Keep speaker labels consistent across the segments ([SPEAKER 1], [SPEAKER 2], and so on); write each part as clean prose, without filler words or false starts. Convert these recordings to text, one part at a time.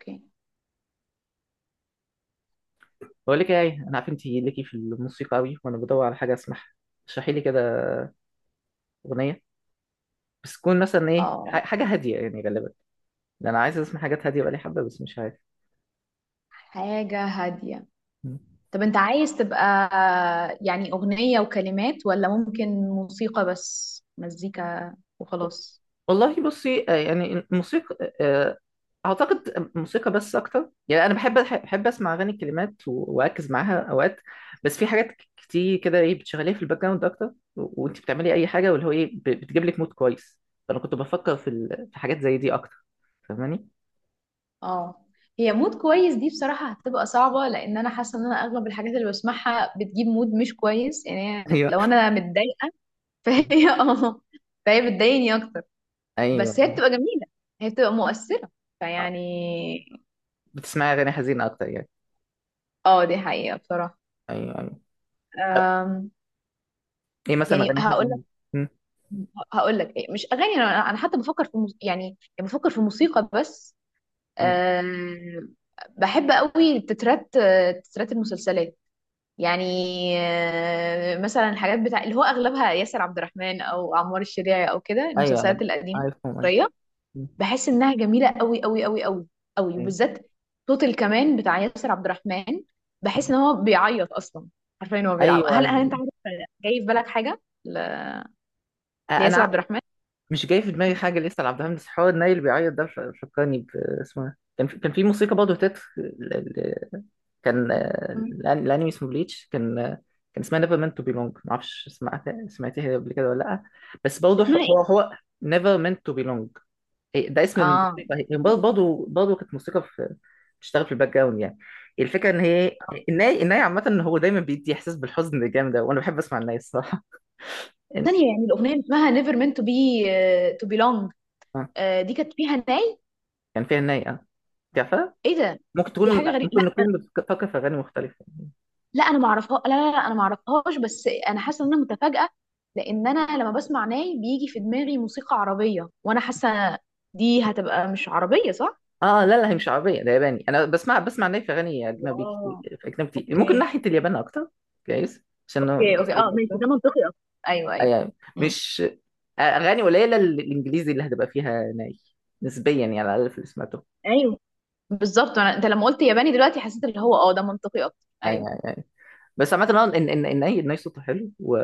[SPEAKER 1] اوكي.
[SPEAKER 2] بقول لك ايه، انا عارف انت ليكي في الموسيقى قوي وانا بدور على حاجه اسمعها. اشرحي لي كده، اغنيه، بس تكون مثلا ايه،
[SPEAKER 1] اه،
[SPEAKER 2] حاجه هاديه يعني غالبا، لان انا عايز اسمع حاجات هاديه بقالي حبه بس مش عارف.
[SPEAKER 1] حاجة هادية.
[SPEAKER 2] مم.
[SPEAKER 1] طب انت عايز تبقى، يعني اغنية وكلمات، ولا ممكن موسيقى بس مزيكا
[SPEAKER 2] و-
[SPEAKER 1] وخلاص؟
[SPEAKER 2] والله بصي، يعني الموسيقى، اعتقد موسيقى بس اكتر. يعني انا بحب اسمع اغاني الكلمات واركز معاها اوقات، بس في حاجات كتير كده ايه بتشغليها في الباك جراوند اكتر، وانت بتعملي اي حاجه، واللي هو ايه بتجيب لك مود كويس. فانا كنت بفكر في في حاجات زي دي اكتر، فاهماني؟
[SPEAKER 1] اه، هي مود كويس دي بصراحة هتبقى صعبة، لان انا حاسة ان انا اغلب الحاجات اللي بسمعها بتجيب مود مش كويس، يعني
[SPEAKER 2] ايوه،
[SPEAKER 1] لو انا متضايقة. فهي اه، فهي بتضايقني اكتر. بس هي
[SPEAKER 2] ايوه.
[SPEAKER 1] بتبقى جميلة، هي بتبقى مؤثرة.
[SPEAKER 2] آه،
[SPEAKER 1] فيعني
[SPEAKER 2] بتسمعي اغاني حزينه اكتر يعني؟
[SPEAKER 1] اه، دي حقيقة بصراحة.
[SPEAKER 2] ايوه، ايوه. طب
[SPEAKER 1] أم،
[SPEAKER 2] ايه مثلا
[SPEAKER 1] يعني
[SPEAKER 2] اغاني
[SPEAKER 1] هقول،
[SPEAKER 2] حزينه؟ مم،
[SPEAKER 1] هقول لك ايه؟ مش اغاني انا، انا حتى بفكر في يعني، يعني بفكر في موسيقى بس.
[SPEAKER 2] ايوه،
[SPEAKER 1] أه... بحب قوي تترات، تترات المسلسلات. يعني مثلا الحاجات بتاع اللي هو اغلبها ياسر عبد الرحمن او عمار الشريعي او كده،
[SPEAKER 2] ايوه،
[SPEAKER 1] المسلسلات
[SPEAKER 2] ايوه،
[SPEAKER 1] القديمه
[SPEAKER 2] عارفهم، ايوه.
[SPEAKER 1] المصريه.
[SPEAKER 2] مم،
[SPEAKER 1] بحس انها جميله قوي قوي قوي قوي قوي،
[SPEAKER 2] ايوه،
[SPEAKER 1] وبالذات صوت الكمان بتاع ياسر عبد الرحمن. بحس ان هو بيعيط اصلا. عارفين هو بيلعب،
[SPEAKER 2] ايوه،
[SPEAKER 1] هل
[SPEAKER 2] ايوه.
[SPEAKER 1] انت عارف جاي في بالك حاجه لياسر
[SPEAKER 2] انا
[SPEAKER 1] عبد الرحمن؟
[SPEAKER 2] مش جاي في دماغي حاجه لسه لعبد الحميد، بس حوار الناي اللي بيعيط ده فكرني اسمه إيه؟ كان في، موسيقى برضه تتر كان، الانمي اسمه بليتش، كان، كان اسمها نيفر مينت تو بيلونج، معرفش سمعتيها قبل كده ولا لا، بس برضه
[SPEAKER 1] اسمها
[SPEAKER 2] هو نيفر مينت تو بيلونج. إيه ده اسم
[SPEAKER 1] اه
[SPEAKER 2] الموسيقى، هي برضه كانت موسيقى، في بتشتغل في الباك جراوند يعني. الفكره ان هي، الناي عامه ان هو دايما بيدي احساس بالحزن الجامد ده، وانا بحب اسمع الناي الصراحه. إن-
[SPEAKER 1] ثانية، يعني الأغنية اللي اسمها never meant to be to belong،
[SPEAKER 2] آه،
[SPEAKER 1] دي كانت فيها ناي.
[SPEAKER 2] كان فيها الناي، اه. تعرفها؟
[SPEAKER 1] ايه ده؟ دي حاجة غريبة.
[SPEAKER 2] ممكن
[SPEAKER 1] لا،
[SPEAKER 2] نكون بتفكر في اغاني مختلفه.
[SPEAKER 1] لا أنا ما اعرفها، لا لا لا أنا ما اعرفهاش، بس أنا حاسة إن أنا متفاجئة. لأن أنا لما بسمع ناي بيجي في دماغي موسيقى عربية، وأنا حاسة دي هتبقى مش عربية، صح؟
[SPEAKER 2] اه لا، لا هي مش عربيه، ده ياباني. انا بسمع الناي في اغاني اجنبي
[SPEAKER 1] واو.
[SPEAKER 2] كتير،
[SPEAKER 1] اوكي
[SPEAKER 2] ممكن ناحيه اليابان اكتر. كويس عشان أنا
[SPEAKER 1] اوكي اوكي،
[SPEAKER 2] مستوعب
[SPEAKER 1] اه ماشي،
[SPEAKER 2] اكتر.
[SPEAKER 1] ده منطقي اصلا. ايوه
[SPEAKER 2] آه،
[SPEAKER 1] ايوه.
[SPEAKER 2] يعني
[SPEAKER 1] مم.
[SPEAKER 2] مش اغاني قليله الانجليزي اللي هتبقى فيها ناي، نسبيا يعني، على الاقل في اللي سمعته.
[SPEAKER 1] ايوه بالظبط، انت لما قلت ياباني دلوقتي حسيت اللي هو اه ده منطقي اكتر. ايوه
[SPEAKER 2] ايوه. بس عامة اه ان اي ان اي صوته حلو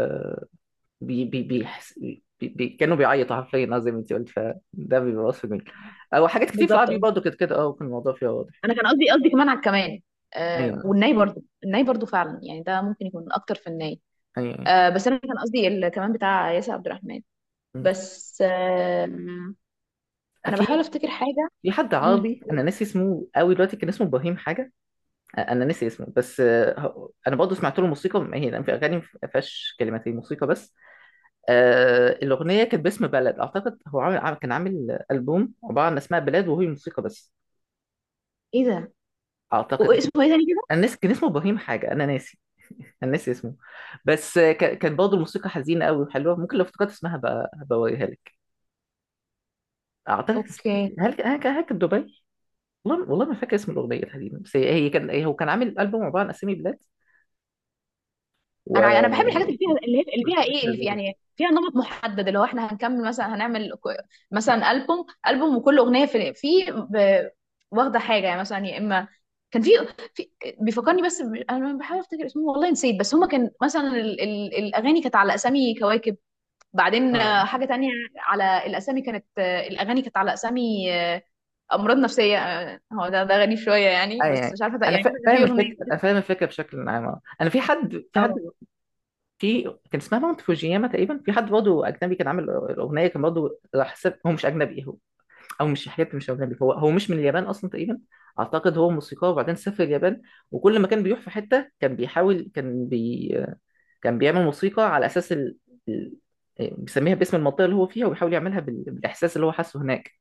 [SPEAKER 2] بي بي كانوا بيعيطوا حرفيا، اه زي ما انت قلت، فده بيبقى وصف جميل. او حاجات كتير في
[SPEAKER 1] بالظبط،
[SPEAKER 2] العربي برضه كانت كده، اه، وكان الموضوع فيها واضح.
[SPEAKER 1] انا كان قصدي كمان على الكمان. آه،
[SPEAKER 2] ايوه،
[SPEAKER 1] والناي برضو، الناي برضو فعلا، يعني ده ممكن يكون اكتر في الناي.
[SPEAKER 2] ايوه، ايوه.
[SPEAKER 1] آه، بس انا كان قصدي الكمان بتاع ياسر عبد الرحمن.
[SPEAKER 2] مم.
[SPEAKER 1] بس آه،
[SPEAKER 2] آه،
[SPEAKER 1] انا بحاول
[SPEAKER 2] في
[SPEAKER 1] افتكر حاجه.
[SPEAKER 2] في حد
[SPEAKER 1] مم.
[SPEAKER 2] عربي انا ناسي اسمه قوي دلوقتي، كان اسمه ابراهيم حاجه. انا ناسي اسمه، انا برضه سمعت له موسيقى، ما هي لأن في اغاني ما فيهاش كلمات، هي موسيقى بس. الاغنيه كانت باسم بلد، اعتقد هو كان عامل البوم عباره عن اسماء بلاد وهي موسيقى بس،
[SPEAKER 1] ايه ده؟
[SPEAKER 2] اعتقد.
[SPEAKER 1] اسمه ايه تاني كده؟
[SPEAKER 2] انا ناسي، كان اسمه ابراهيم حاجه، انا ناسي انا ناسي اسمه، بس كان برضه الموسيقى حزينه قوي وحلوه. ممكن لو افتكرت اسمها بقى هبوريها لك. اعتقد
[SPEAKER 1] اوكي،
[SPEAKER 2] هل كان دبي؟ والله، ما فاكر اسم الاغنيه الحزينه، بس هي هي كان هي هو كان عامل البوم عباره عن اسامي بلاد،
[SPEAKER 1] انا
[SPEAKER 2] وحزينه.
[SPEAKER 1] بحب الحاجات اللي فيها، اللي فيها ايه، اللي في يعني فيها نمط محدد، اللي هو احنا هنكمل، مثلا هنعمل مثلا البوم وكل اغنيه في ب- واخده حاجه، يعني مثلا يا اما كان في بيفكرني بس انا بحاول افتكر اسمه والله نسيت، بس هما كان مثلا ال الاغاني كانت على اسامي كواكب، بعدين
[SPEAKER 2] اه.
[SPEAKER 1] حاجه تانية، على الاسامي كانت الاغاني كانت على اسامي امراض نفسيه، هو ده غريب شويه يعني، بس
[SPEAKER 2] يعني
[SPEAKER 1] مش عارفه
[SPEAKER 2] انا
[SPEAKER 1] يعني مثلا كان في
[SPEAKER 2] فاهم
[SPEAKER 1] اغنيه.
[SPEAKER 2] الفكره، بشكل عام. انا في حد،
[SPEAKER 1] اه.
[SPEAKER 2] في كان اسمها ماونت فوجياما تقريبا، في حد برضه اجنبي كان عامل الاغنيه، كان برضه راح هو مش اجنبي، او مش اجنبي، هو مش من اليابان اصلا تقريبا. اعتقد هو موسيقار وبعدين سافر اليابان، وكل ما كان بيروح في حته كان بيحاول، كان بيعمل موسيقى على اساس ال... إيه، بيسميها باسم المنطقه اللي هو فيها، وبيحاول يعملها بالاحساس اللي هو حاسه هناك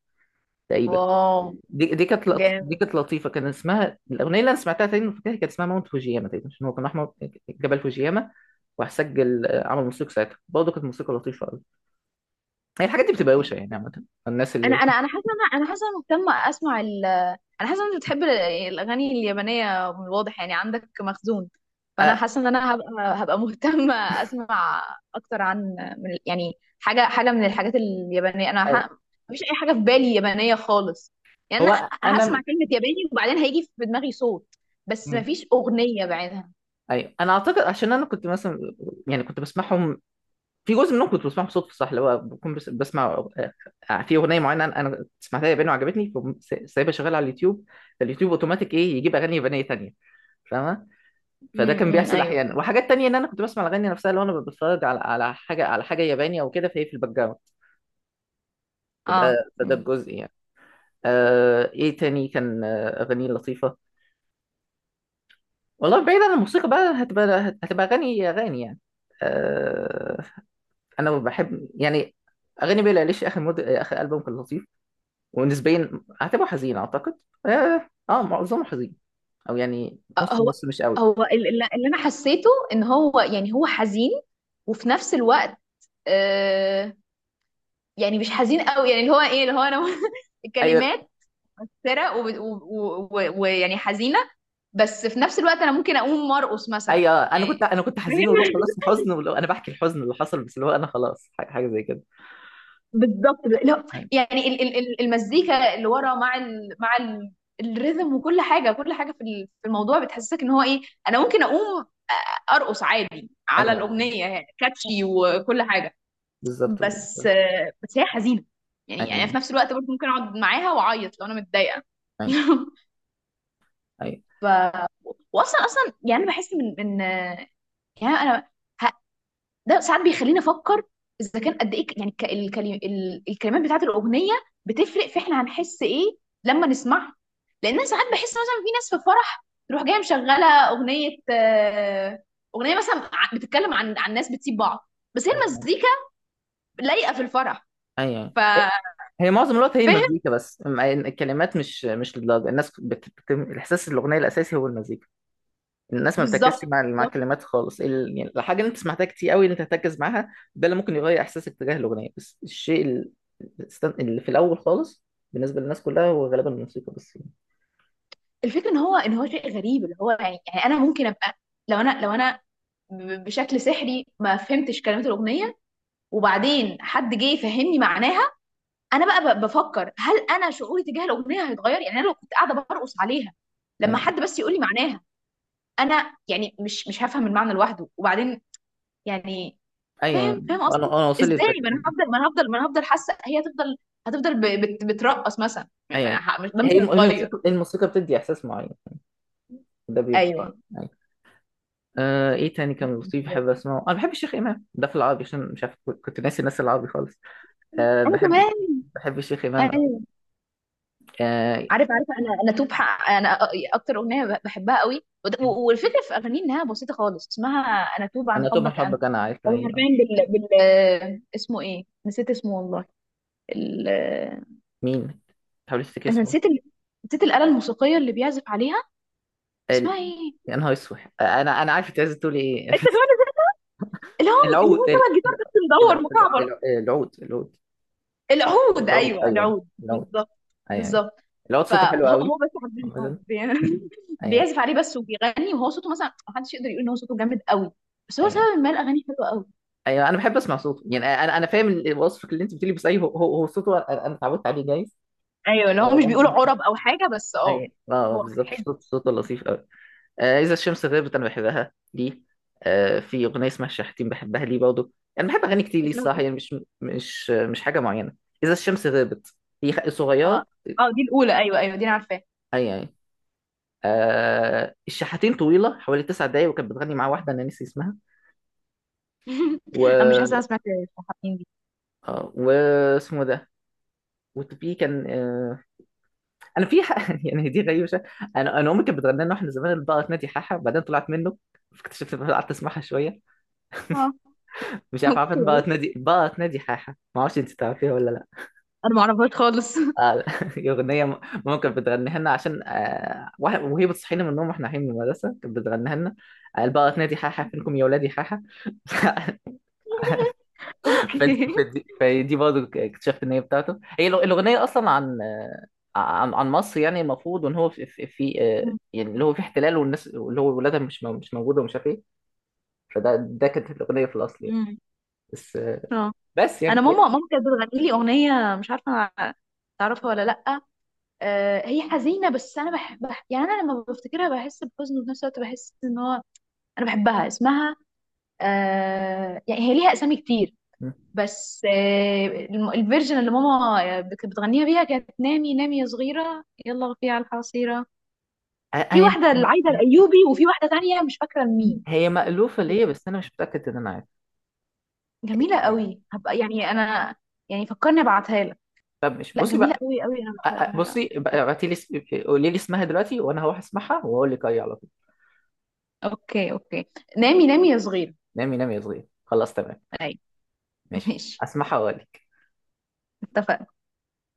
[SPEAKER 2] تقريبا.
[SPEAKER 1] واو
[SPEAKER 2] دي
[SPEAKER 1] جامد.
[SPEAKER 2] كانت لطيفه، كان اسمها الاغنيه اللي انا سمعتها، تقريبا فاكرها كانت اسمها ماونت فوجياما تقريبا، عشان هو كان احمر، جبل فوجياما. وراح سجل، عمل موسيقى ساعتها، برضه كانت موسيقى لطيفه قوي. هي الحاجات دي بتبقى
[SPEAKER 1] اوكي،
[SPEAKER 2] روشه يعني عامه. الناس
[SPEAKER 1] انا
[SPEAKER 2] اللي
[SPEAKER 1] انا انا حاسه، انا حاسه انا مهتمه اسمع انا حاسه انت بتحب الاغاني اليابانيه، من الواضح يعني عندك مخزون. فانا
[SPEAKER 2] آه،
[SPEAKER 1] حاسه ان انا هبقى، هبقى مهتمه اسمع اكتر عن، من يعني، حاجه من الحاجات اليابانيه.
[SPEAKER 2] آه.
[SPEAKER 1] مفيش اي حاجه في بالي يابانيه خالص. يعني انا
[SPEAKER 2] هو
[SPEAKER 1] هسمع
[SPEAKER 2] انا
[SPEAKER 1] كلمه ياباني وبعدين هيجي في دماغي صوت، بس مفيش اغنيه بعدها.
[SPEAKER 2] ايوه، انا اعتقد عشان انا كنت مثلا، يعني كنت بسمعهم، في جزء منهم كنت بسمعهم صدفه، صح؟ اللي هو بكون بس بسمع، في اغنيه معينه انا، سمعتها ياباني وعجبتني، فقوم سايبها شغاله على اليوتيوب، فاليوتيوب اوتوماتيك ايه، يجيب اغاني يابانيه تانية، فاهمه؟ فده كان بيحصل
[SPEAKER 1] ايوه.
[SPEAKER 2] احيانا، وحاجات تانية ان انا كنت بسمع الاغاني نفسها لو انا بتفرج على حاجه، ياباني او كده، فهي في الباك جراوند.
[SPEAKER 1] اه
[SPEAKER 2] فده
[SPEAKER 1] مم.
[SPEAKER 2] الجزء يعني. ايه تاني كان، اغاني لطيفه. والله بعيد عن الموسيقى بقى، هتبقى، اغاني، يعني، آه، انا بحب يعني اغاني بيلي ايليش، اخر مود، اخر البوم كان لطيف ونسبيا اعتبره حزين، اعتقد. معظمه حزين، او يعني نص
[SPEAKER 1] هو
[SPEAKER 2] نص، مش قوي.
[SPEAKER 1] اللي انا حسيته ان هو، يعني هو حزين، وفي نفس الوقت آه، يعني مش حزين قوي، يعني اللي هو ايه اللي هو انا
[SPEAKER 2] ايوه،
[SPEAKER 1] الكلمات سرق ويعني ويعني حزينه، بس في نفس الوقت انا ممكن اقوم مرقص مثلا
[SPEAKER 2] ايوه، انا
[SPEAKER 1] يعني.
[SPEAKER 2] كنت انا كنت
[SPEAKER 1] فاهم.
[SPEAKER 2] حزين والله، خلاص حزن والله، انا بحكي الحزن اللي حصل، بس اللي هو انا خلاص، حاجه، حاجة زي كده.
[SPEAKER 1] بالظبط لا،
[SPEAKER 2] ايوه،
[SPEAKER 1] يعني المزيكا اللي ورا مع مع الريذم وكل حاجه، كل حاجه في في الموضوع بتحسسك ان هو ايه. انا ممكن اقوم ارقص عادي على
[SPEAKER 2] ايوه،
[SPEAKER 1] الاغنيه، يعني كاتشي وكل حاجه.
[SPEAKER 2] بالظبط.
[SPEAKER 1] بس آه، بس هي حزينه، يعني انا
[SPEAKER 2] ايوه،
[SPEAKER 1] في نفس الوقت برضه ممكن اقعد معاها واعيط لو انا متضايقه.
[SPEAKER 2] ايوه، ايوه،
[SPEAKER 1] ف واصلا، اصلا يعني انا بحس من يعني انا ه... ده ساعات بيخليني افكر اذا كان قد ايه يعني الكلمات بتاعت الاغنيه بتفرق في احنا هنحس ايه لما نسمعها. لان انا ساعات بحس مثلا في ناس في فرح تروح جايه مشغله اغنيه، اغنيه مثلا بتتكلم عن ناس بتسيب بعض، بس هي
[SPEAKER 2] ايوه،
[SPEAKER 1] المزيكا لايقه في الفرح.
[SPEAKER 2] ايوه.
[SPEAKER 1] ف
[SPEAKER 2] هي معظم الوقت هي المزيكا بس، الكلمات مش للدرجه، الناس الاحساس، الاغنيه الاساسي هو المزيكا. الناس ما بتركزش
[SPEAKER 1] بالظبط
[SPEAKER 2] مع
[SPEAKER 1] بالظبط.
[SPEAKER 2] الكلمات خالص يعني الحاجه اللي انت سمعتها كتير قوي اللي انت تركز معاها، ده اللي ممكن يغير احساسك تجاه الاغنيه، بس الشيء اللي في الاول خالص بالنسبه للناس كلها، هو غالبا الموسيقى بس.
[SPEAKER 1] الفكره ان هو ان هو شيء غريب، اللي هو يعني، يعني انا ممكن ابقى، لو انا بشكل سحري ما فهمتش كلمات الاغنيه، وبعدين حد جه يفهمني معناها. انا بقى بفكر هل انا شعوري تجاه الاغنيه هيتغير، يعني انا لو كنت قاعده برقص عليها لما
[SPEAKER 2] يعني
[SPEAKER 1] حد بس يقول لي معناها، انا يعني مش هفهم المعنى لوحده وبعدين يعني.
[SPEAKER 2] ايوه،
[SPEAKER 1] فاهم، فاهم
[SPEAKER 2] انا
[SPEAKER 1] قصدي.
[SPEAKER 2] انا واصل لي
[SPEAKER 1] ازاي؟
[SPEAKER 2] الفكره،
[SPEAKER 1] ما انا هفضل ما انا هفضل ما انا هفضل حاسه، هي هتفضل، هتفضل بترقص مثلا
[SPEAKER 2] ايوه، أيوة.
[SPEAKER 1] ده مش
[SPEAKER 2] هي
[SPEAKER 1] هيتغير.
[SPEAKER 2] الموسيقى، بتدي احساس معين، ده بيبقى،
[SPEAKER 1] ايوه
[SPEAKER 2] أيوة. ايه تاني كان لطيف بحب اسمعه، انا بحب الشيخ امام ده في العربي، عشان مش عارف، كنت ناسي الناس العربي خالص.
[SPEAKER 1] انا
[SPEAKER 2] بحب،
[SPEAKER 1] كمان.
[SPEAKER 2] بحب الشيخ امام قوي.
[SPEAKER 1] ايوه
[SPEAKER 2] آه
[SPEAKER 1] عارف عارف، انا توب حق انا اكتر اغنيه بحبها قوي، والفكره في اغانيه انها بسيطه خالص، اسمها انا توب عن
[SPEAKER 2] انا طبعا
[SPEAKER 1] حبك انا.
[SPEAKER 2] حبك انا، عارف،
[SPEAKER 1] هو
[SPEAKER 2] ايوه.
[SPEAKER 1] حرفيا بال... بال آه، اسمه ايه؟ نسيت اسمه والله. آه،
[SPEAKER 2] مين؟ هوليستيك
[SPEAKER 1] انا
[SPEAKER 2] اسمه؟
[SPEAKER 1] نسيت نسيت الاله الموسيقيه اللي بيعزف عليها، اسمها
[SPEAKER 2] ال...
[SPEAKER 1] ايه؟
[SPEAKER 2] يا نهار اسود، انا، عارف انت عايز تقول ايه
[SPEAKER 1] انت كمان؟ اللي هو، اللي هو
[SPEAKER 2] العود،
[SPEAKER 1] شبه الجيتار بس مدور مكعبر.
[SPEAKER 2] العود،
[SPEAKER 1] العود
[SPEAKER 2] العود
[SPEAKER 1] ايوه،
[SPEAKER 2] ايوه،
[SPEAKER 1] العود
[SPEAKER 2] العود،
[SPEAKER 1] بالظبط
[SPEAKER 2] ايوه،
[SPEAKER 1] بالظبط.
[SPEAKER 2] العود صوته
[SPEAKER 1] فهو
[SPEAKER 2] حلو قوي.
[SPEAKER 1] هو بس حرفيا اه
[SPEAKER 2] مثلا، ايوه،
[SPEAKER 1] بيعزف عليه بس وبيغني، وهو صوته مثلا محدش يقدر يقول ان هو صوته جامد قوي، بس هو
[SPEAKER 2] ايوه،
[SPEAKER 1] سبب ما الاغاني حلوه قوي.
[SPEAKER 2] ايوه، انا بحب اسمع صوته يعني. انا، فاهم وصفك اللي انت بتقولي، بس ايوه، هو صوته، انا، اتعودت عليه جايز.
[SPEAKER 1] ايوه لو
[SPEAKER 2] اه
[SPEAKER 1] هو مش بيقول
[SPEAKER 2] والله.
[SPEAKER 1] عرب او حاجه بس اه
[SPEAKER 2] ايوه، اه،
[SPEAKER 1] هو
[SPEAKER 2] بالظبط،
[SPEAKER 1] حلو.
[SPEAKER 2] صوته لطيف قوي. إذا الشمس غابت، أنا بحبها دي. في أغنية اسمها الشحاتين بحبها ليه برضه. أنا بحب أغاني كتير ليه
[SPEAKER 1] اسمها ايه؟
[SPEAKER 2] الصراحة، يعني مش، مش حاجة معينة. إذا الشمس غابت هي
[SPEAKER 1] اه.
[SPEAKER 2] صغيرة.
[SPEAKER 1] اه دي الاولى، ايوه ايوه دي انا عارفاها.
[SPEAKER 2] أي يعني. الشحاتين طويلة حوالي 9 دقايق، وكانت بتغني مع واحدة أنا نسي اسمها.
[SPEAKER 1] انا مش حاسه
[SPEAKER 2] و
[SPEAKER 1] انا سمعت الحين دي.
[SPEAKER 2] واسمه ده. وفي كان، أنا في يعني دي غريبة شوية. أنا أمي كانت بتغني لنا وإحنا زمان البقرة تنادي حاحة، بعدين طلعت منه، فاكتشفت إن أنا قعدت أسمعها شوية.
[SPEAKER 1] اه
[SPEAKER 2] مش عارف، عارفة
[SPEAKER 1] اوكي.
[SPEAKER 2] البقرة تنادي، البقرة تنادي حاحة؟ ما أعرفش، أنت تعرفيها ولا؟
[SPEAKER 1] انا ما اعرفهاش خالص.
[SPEAKER 2] آه، أغنية ممكن بتغنيها لنا عشان، وهي بتصحينا من النوم واحنا رايحين من المدرسة، كانت بتغنيها لنا. قال بقى تنادي حاحة فينكم يا ولادي حاحة
[SPEAKER 1] اوكي.
[SPEAKER 2] فدي برضه اكتشفت إن هي بتاعته، هي الأغنية أصلا عن، عن، مصر يعني، المفروض، وإن هو في، يعني اللي هو في احتلال، والناس اللي هو ولادها مش موجودة ومش عارف إيه. فده كانت الأغنية في الأصل يعني،
[SPEAKER 1] أمم.
[SPEAKER 2] بس،
[SPEAKER 1] اه،
[SPEAKER 2] بس
[SPEAKER 1] انا
[SPEAKER 2] يعني.
[SPEAKER 1] ماما كانت بتغني لي اغنيه، مش عارفه تعرفها ولا لا. هي حزينة بس أنا بحبها، يعني أنا لما بفتكرها بحس بحزن، وفي نفس الوقت بحس إن هو أنا بحبها. اسمها آه، يعني هي ليها أسامي كتير،
[SPEAKER 2] م.
[SPEAKER 1] بس آه الفيرجن اللي ماما بتغنيها بيها كانت نامي نامي يا صغيرة يلا غفي على الحصيرة.
[SPEAKER 2] هي
[SPEAKER 1] في
[SPEAKER 2] هي
[SPEAKER 1] واحدة العايدة الأيوبي وفي واحدة تانية مش فاكرة مين.
[SPEAKER 2] هي مألوفة ليا، بس أنا مش متأكد إن أنا عارف
[SPEAKER 1] جميلة
[SPEAKER 2] يعني.
[SPEAKER 1] قوي، هبقى يعني أنا، يعني فكرني أبعتها لك.
[SPEAKER 2] فمش،
[SPEAKER 1] لا
[SPEAKER 2] بصي
[SPEAKER 1] جميلة
[SPEAKER 2] بقى،
[SPEAKER 1] قوي قوي، أنا بحبها،
[SPEAKER 2] بصي
[SPEAKER 1] بحبها.
[SPEAKER 2] بقى، ابعتي لي قولي لي اسمها دلوقتي، وانا هروح اسمعها واقول لك اي على طول.
[SPEAKER 1] أوكي أوكي، نامي نامي يا صغيرة.
[SPEAKER 2] نامي نامي يا صغير، خلاص تمام،
[SPEAKER 1] أي.
[SPEAKER 2] ماشي،
[SPEAKER 1] ماشي
[SPEAKER 2] اسمعها واقول لك.
[SPEAKER 1] اتفقنا.